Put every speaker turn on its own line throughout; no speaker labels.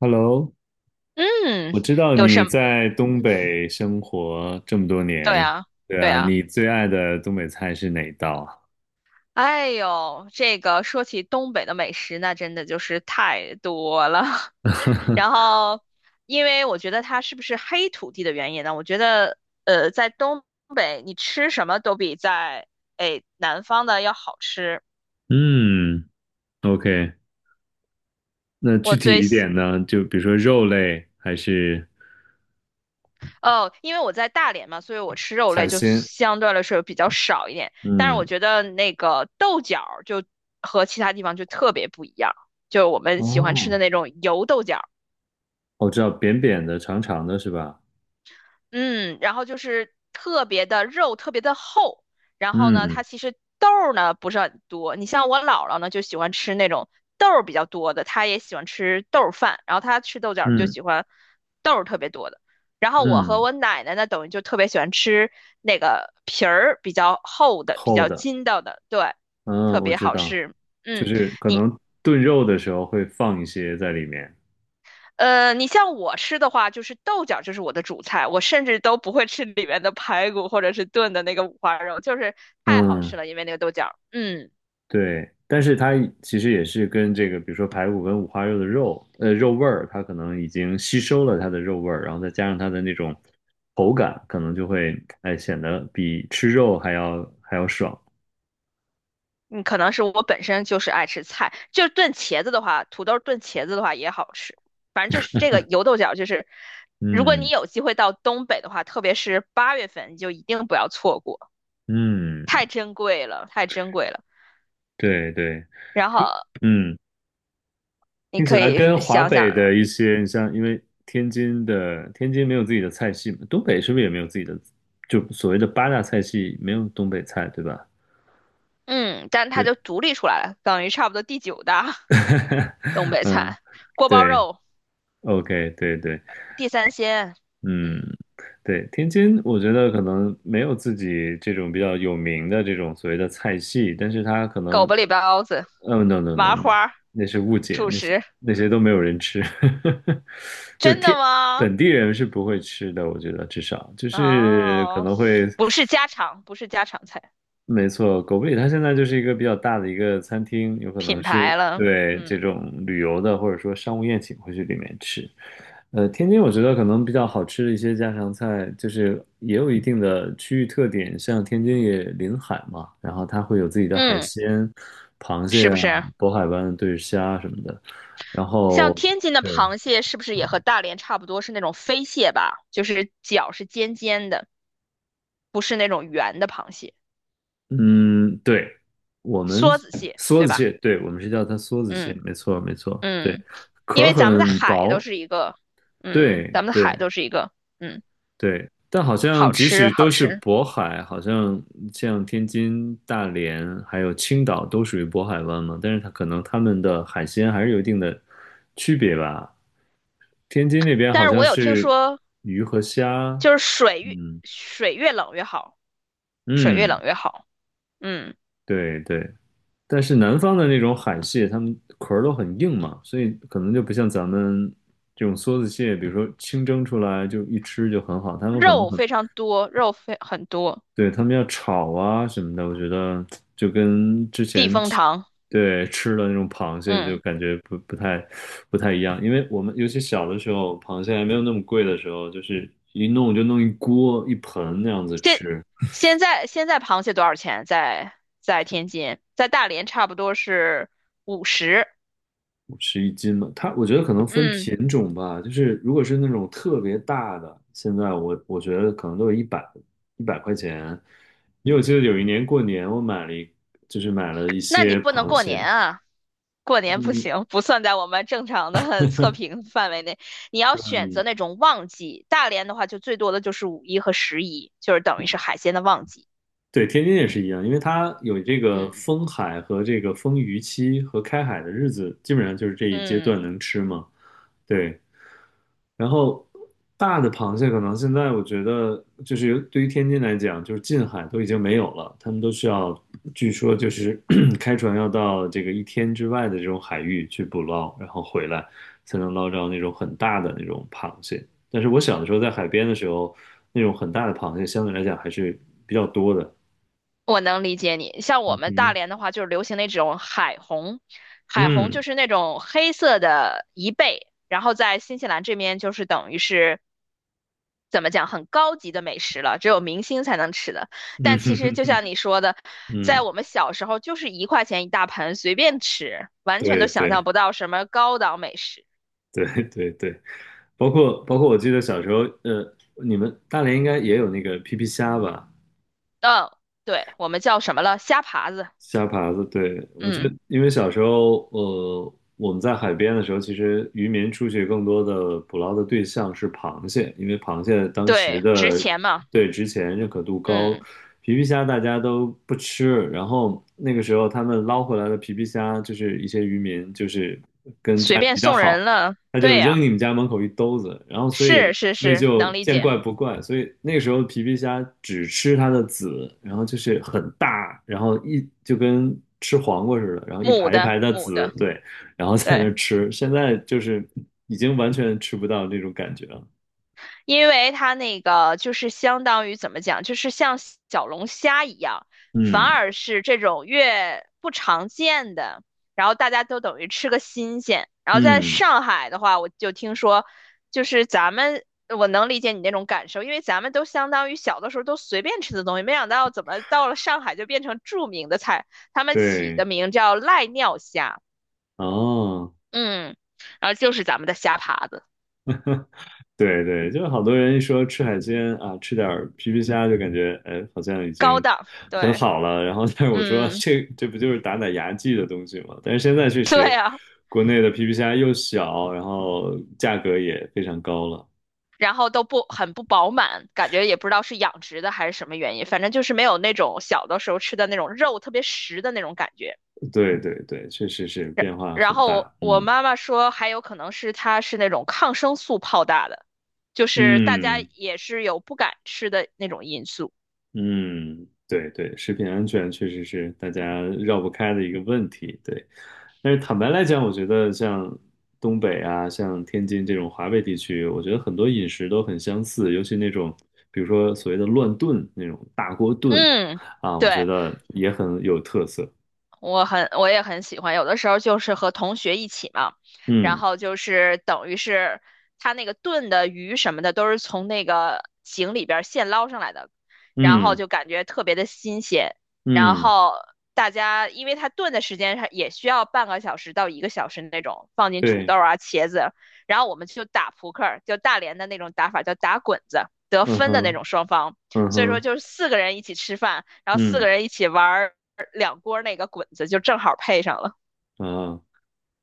Hello，
嗯，
我知道
有
你
什么？
在东北生活这么多
对
年，
啊，
对
对
啊，
啊。
你最爱的东北菜是哪一道啊？
哎呦，这个说起东北的美食，那真的就是太多了。然 后，因为我觉得它是不是黑土地的原因呢？我觉得，在东北你吃什么都比在哎南方的要好吃。
嗯，OK,那具
我最
体一
喜。
点呢？就比如说肉类还是
哦，因为我在大连嘛，所以我吃肉类
海
就
鲜？
相对来说比较少一点。但是我
嗯，
觉得那个豆角儿就和其他地方就特别不一样，就我们喜欢吃的
哦，
那种油豆角
我知道扁扁的、长长的是吧？
嗯，然后就是特别的肉特别的厚，然后呢，
嗯
它其实豆儿呢不是很多。你像我姥姥呢就喜欢吃那种豆儿比较多的，她也喜欢吃豆儿饭，然后她吃豆角儿就
嗯
喜欢豆儿特别多的。然后我和
嗯，
我奶奶呢，等于就特别喜欢吃那个皮儿比较厚的、比
厚
较
的，
筋道的，对，
嗯，
特
我
别
知
好
道，
吃。
就
嗯，
是可
你
能炖肉的时候会放一些在里面。
你像我吃的话，就是豆角就是我的主菜，我甚至都不会吃里面的排骨或者是炖的那个五花肉，就是太好吃
嗯
了，因为那个豆角。嗯，
对，但是它其实也是跟这个，比如说排骨跟五花肉的肉，肉味儿，它可能已经吸收了它的肉味儿，然后再加上它的那种口感，可能就会，哎，显得比吃肉还要爽。
嗯，可能是我本身就是爱吃菜，就炖茄子的话，土豆炖茄子的话也好吃，反正就是这个油豆角，就是如果你
嗯
有机会到东北的话，特别是8月份，你就一定不要错过，
嗯，
太珍贵了，太珍贵了。
对对，
然后
听嗯，
你
听起
可
来
以
跟华
想想，
北的一些，你像因为天津没有自己的菜系嘛，东北是不是也没有自己的，就所谓的八大菜系没有东北菜，对吧？
嗯，但它
对，
就独立出来了，等于差不多第九大。东 北
嗯，
菜，锅包
对。
肉、
OK,对对，
地三鲜，嗯，
嗯，对，天津，我觉得可能没有自己这种比较有名的这种所谓的菜系，但是它可
狗
能，
不理包子、
嗯 n o no
麻
no,
花、
那是误解，
主
那些
食。
那些都没有人吃，就是
真的
天
吗？
本地人是不会吃的，我觉得至少就是可
哦，
能会。
不是家常，不是家常菜，
没错，狗不理它现在就是一个比较大的一个餐厅，有可
品
能是
牌了。
对这
嗯
种旅游的或者说商务宴请会去里面吃。天津我觉得可能比较好吃的一些家常菜，就是也有一定的区域特点，像天津也临海嘛，然后它会有自己的海
嗯，
鲜，螃
是
蟹
不
啊、
是？
渤海湾的对虾什么的，然
像
后
天津的
对，
螃蟹是不是也和大连差不多是那种飞蟹吧？就是脚是尖尖的，不是那种圆的螃蟹，
嗯，对，我们
梭子蟹，
梭
对
子
吧？
蟹，对，我们是叫它梭子蟹，
嗯
没错没错，对，
嗯，
壳
因
儿
为咱们的
很
海都
薄，
是一个，嗯，
对
咱们的海
对
都是一个，嗯。
对，但好像
好
即
吃
使
好
都是
吃。
渤海，好像像天津、大连还有青岛都属于渤海湾嘛，但是它可能它们的海鲜还是有一定的区别吧。天津那边
但
好
是
像
我有听
是
说，
鱼和虾，
就是
嗯
水越冷越好，水越
嗯，
冷越好。嗯，
对对，但是南方的那种海蟹，它们壳儿都很硬嘛，所以可能就不像咱们这种梭子蟹，比如说清蒸出来就一吃就很好，它们可能
肉
很
非常多，肉非很多，
对，他们要炒啊什么的，我觉得就跟之
避
前
风
吃
塘。
对吃的那种螃蟹就
嗯，
感觉不太不太一样，因为我们尤其小的时候，螃蟹还没有那么贵的时候，就是一弄就弄一锅一盆那样子
现
吃，
现在螃蟹多少钱？在天津，在大连差不多是50。
吃一斤嘛。它我觉得可能分
嗯，
品种吧，就是如果是那种特别大的，现在我觉得可能都有一百块钱，因为我记得有一年过年我买了一就是买了一
那你
些
不能
螃
过年
蟹。
啊。过年不
嗯，
行，不算在我们正常的 测评范围内。你要选择那种旺季，大连的话就最多的就是五一和十一，就是等于是海鲜的旺季。
对，天津也是一样，因为它有这个
嗯
封海和这个封渔期和开海的日子，基本上就是这一阶段
嗯，
能吃嘛。对，然后大的螃蟹可能现在我觉得就是有对于天津来讲，就是近海都已经没有了，他们都需要，据说就是 开船要到这个一天之外的这种海域去捕捞，然后回来才能捞着那种很大的那种螃蟹。但是我小的时候在海边的时候，那种很大的螃蟹相对来讲还是比较多的。
我能理解你。像我们大
嗯。
连的话，就是流行那种海虹，海虹就
嗯
是那种黑色的贻贝，然后在新西兰这边就是等于是怎么讲很高级的美食了，只有明星才能吃的。
嗯
但其实就 像你说的，在
嗯，
我们小时候就是1块钱一大盆，随便吃，完全都
对
想象
对
不到什么高档美食。
对对对，包括我记得小时候，呃，你们大连应该也有那个皮皮虾吧，
嗯，对，我们叫什么了？虾爬子。
虾爬子。对，我觉
嗯，
得，因为小时候，呃，我们在海边的时候，其实渔民出去更多的捕捞的对象是螃蟹，因为螃蟹当时
对，值
的
钱嘛。
对之前认可度高，
嗯，
皮皮虾大家都不吃，然后那个时候他们捞回来的皮皮虾，就是一些渔民就是跟
随
家里
便
比较
送
好。
人了。
他就
对
扔
呀，
你们家门口一兜子，然后所以
是是
所以
是，
就
能理
见
解。
怪不怪，所以那个时候皮皮虾只吃它的籽，然后就是很大，然后一就跟吃黄瓜似的，然后一
母
排一
的
排的
母
籽，
的，
对，然后在那
对。
儿吃，现在就是已经完全吃不到那种感觉了，
因为它那个就是相当于怎么讲，就是像小龙虾一样，反
嗯
而是这种越不常见的，然后大家都等于吃个新鲜。然后在
嗯，
上海的话，我就听说，就是咱们我能理解你那种感受，因为咱们都相当于小的时候都随便吃的东西，没想到怎么到了上海就变成著名的菜，他们起
对，
的名叫赖尿虾，
哦。
嗯，然后就是咱们的虾爬子，
对对，就好多人一说吃海鲜啊，吃点儿皮皮虾就感觉哎，好像已
高
经
档，
很
对，
好了。然后，但是我说
嗯，
这不就是打打牙祭的东西吗？但是现在确
对
实，
啊。
国内的皮皮虾又小，然后价格也非常高了。
然后都不很不饱满，感觉也不知道是养殖的还是什么原因，反正就是没有那种小的时候吃的那种肉特别实的那种感觉。
对对对，确实是
然
变化
然
很
后我
大。
我
嗯
妈妈说，还有可能是它是那种抗生素泡大的，就是大家
嗯。
也是有不敢吃的那种因素。
嗯，对对，食品安全确实是大家绕不开的一个问题。对，但是坦白来讲，我觉得像东北啊，像天津这种华北地区，我觉得很多饮食都很相似，尤其那种比如说所谓的乱炖那种大锅炖
嗯，
啊，我觉
对。
得也很有特色。
我也很喜欢。有的时候就是和同学一起嘛，然
嗯
后就是等于是他那个炖的鱼什么的都是从那个井里边儿现捞上来的，然后
嗯
就感觉特别的新鲜。然
嗯，
后大家因为他炖的时间上也需要半个小时到一个小时那种，放进土豆
对，
啊、茄子，然后我们就打扑克儿，就大连的那种打法叫打滚子，得
嗯
分的那
哼，
种双方。
嗯
所以说
哼，
就是四个人一起吃饭，然后四个
嗯
人一起玩。两锅那个滚子就正好配上了，
啊。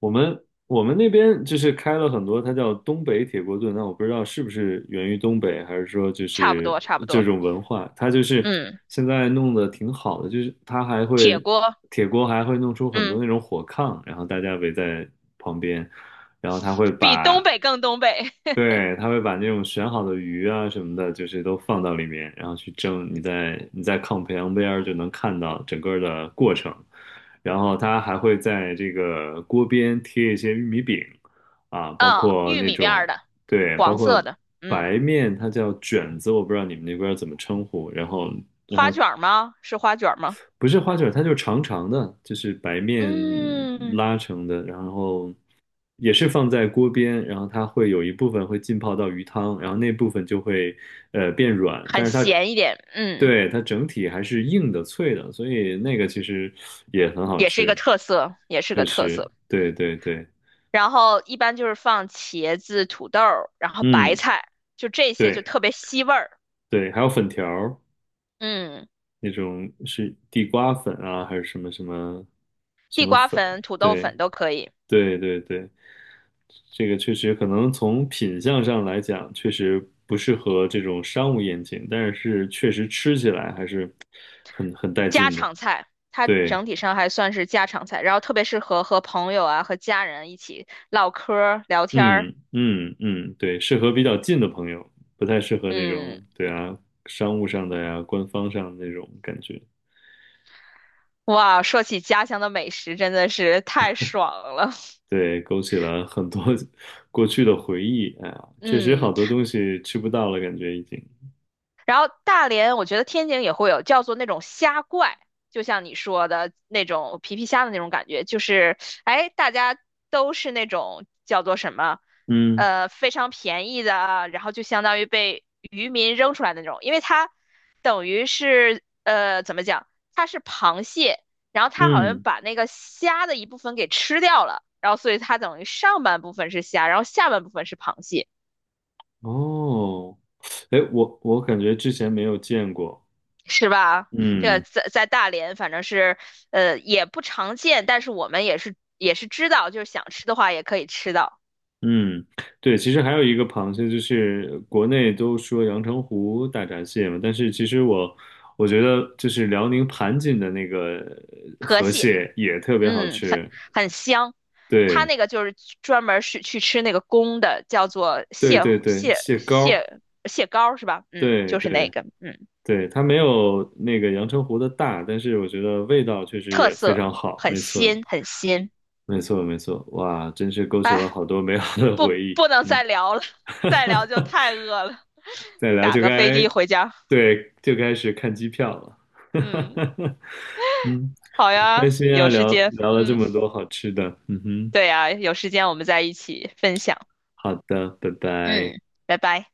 我们那边就是开了很多，它叫东北铁锅炖。那我不知道是不是源于东北，还是说就
差不
是
多差不
这
多。
种文化，它就是
嗯，
现在弄得挺好的，就是它还
铁
会
锅，
铁锅还会弄出很多
嗯，
那种火炕，然后大家围在旁边，然后它会
比
把
东北更东北。
对，他会把那种选好的鱼啊什么的，就是都放到里面，然后去蒸。你在炕旁边儿就能看到整个的过程。然后他还会在这个锅边贴一些玉米饼，啊，包
嗯，
括
玉
那
米
种，
面的，
对，包
黄色
括
的，嗯，
白面，它叫卷子，我不知道你们那边儿怎么称呼。然后
花卷吗？是花卷吗？
不是花卷儿它就是长长的，就是白面
嗯，
拉成的，然后也是放在锅边，然后它会有一部分会浸泡到鱼汤，然后那部分就会变软，
很
但是它
咸一点，嗯，
对它整体还是硬的脆的，所以那个其实也很好
也是一个
吃，
特色，也是
确
个特
实，
色。
对对对，
然后一般就是放茄子、土豆然后白
嗯，
菜，就这些就
对
特别吸味儿。
对，还有粉条儿
嗯，
那种是地瓜粉啊，还是什么什么什
地
么
瓜
粉，
粉、土豆
对
粉都可以。
对对对。这个确实可能从品相上来讲，确实不适合这种商务宴请，但是确实吃起来还是很带
家
劲的。
常菜，它
对，
整体上还算是家常菜，然后特别适合和朋友啊和家人一起唠嗑儿聊天儿。
嗯嗯嗯，对，适合比较近的朋友，不太适合那
嗯，
种，对啊，商务上的呀，官方上的那种感觉。
哇，说起家乡的美食真的是太爽了。
对，勾起了很多 过去的回忆。哎呀，确实
嗯，
好多东西吃不到了，感觉已经。
然后大连，我觉得天津也会有叫做那种虾怪，就像你说的那种皮皮虾的那种感觉，就是哎，大家都是那种叫做什么，
嗯
非常便宜的啊，然后就相当于被渔民扔出来的那种，因为它等于是怎么讲，它是螃蟹，然后它好像
嗯，
把那个虾的一部分给吃掉了，然后所以它等于上半部分是虾，然后下半部分是螃蟹。
哦，哎，我感觉之前没有见过。
是吧？这个
嗯
在大连，反正是也不常见，但是我们也是知道，就是想吃的话也可以吃到
嗯，对，其实还有一个螃蟹，就是国内都说阳澄湖大闸蟹嘛，但是其实我我觉得就是辽宁盘锦的那个
河
河
蟹，
蟹也特别好
嗯，很
吃，
很香。它
对
那个就是专门是去吃那个公的，叫做
对
蟹
对对，
蟹
蟹膏，
蟹蟹膏是吧？嗯，
对
就是那
对
个，嗯，
对，它没有那个阳澄湖的大，但是我觉得味道确实
特
也非
色
常好，
很
没错
鲜很鲜。
没错没错，哇，真是勾起了
哎，
好多美好的
不
回忆，
不能
嗯
再聊了，再聊 就太饿了，
再聊
打
就
个飞
该
的回家。
对就开始看机票了。
嗯，
嗯，
好
很开
呀，
心啊，
有时
聊
间，
聊了这
嗯。
么多好吃的。嗯哼，
对啊，有时间我们再一起分享。
好的，拜
嗯，
拜。
拜拜。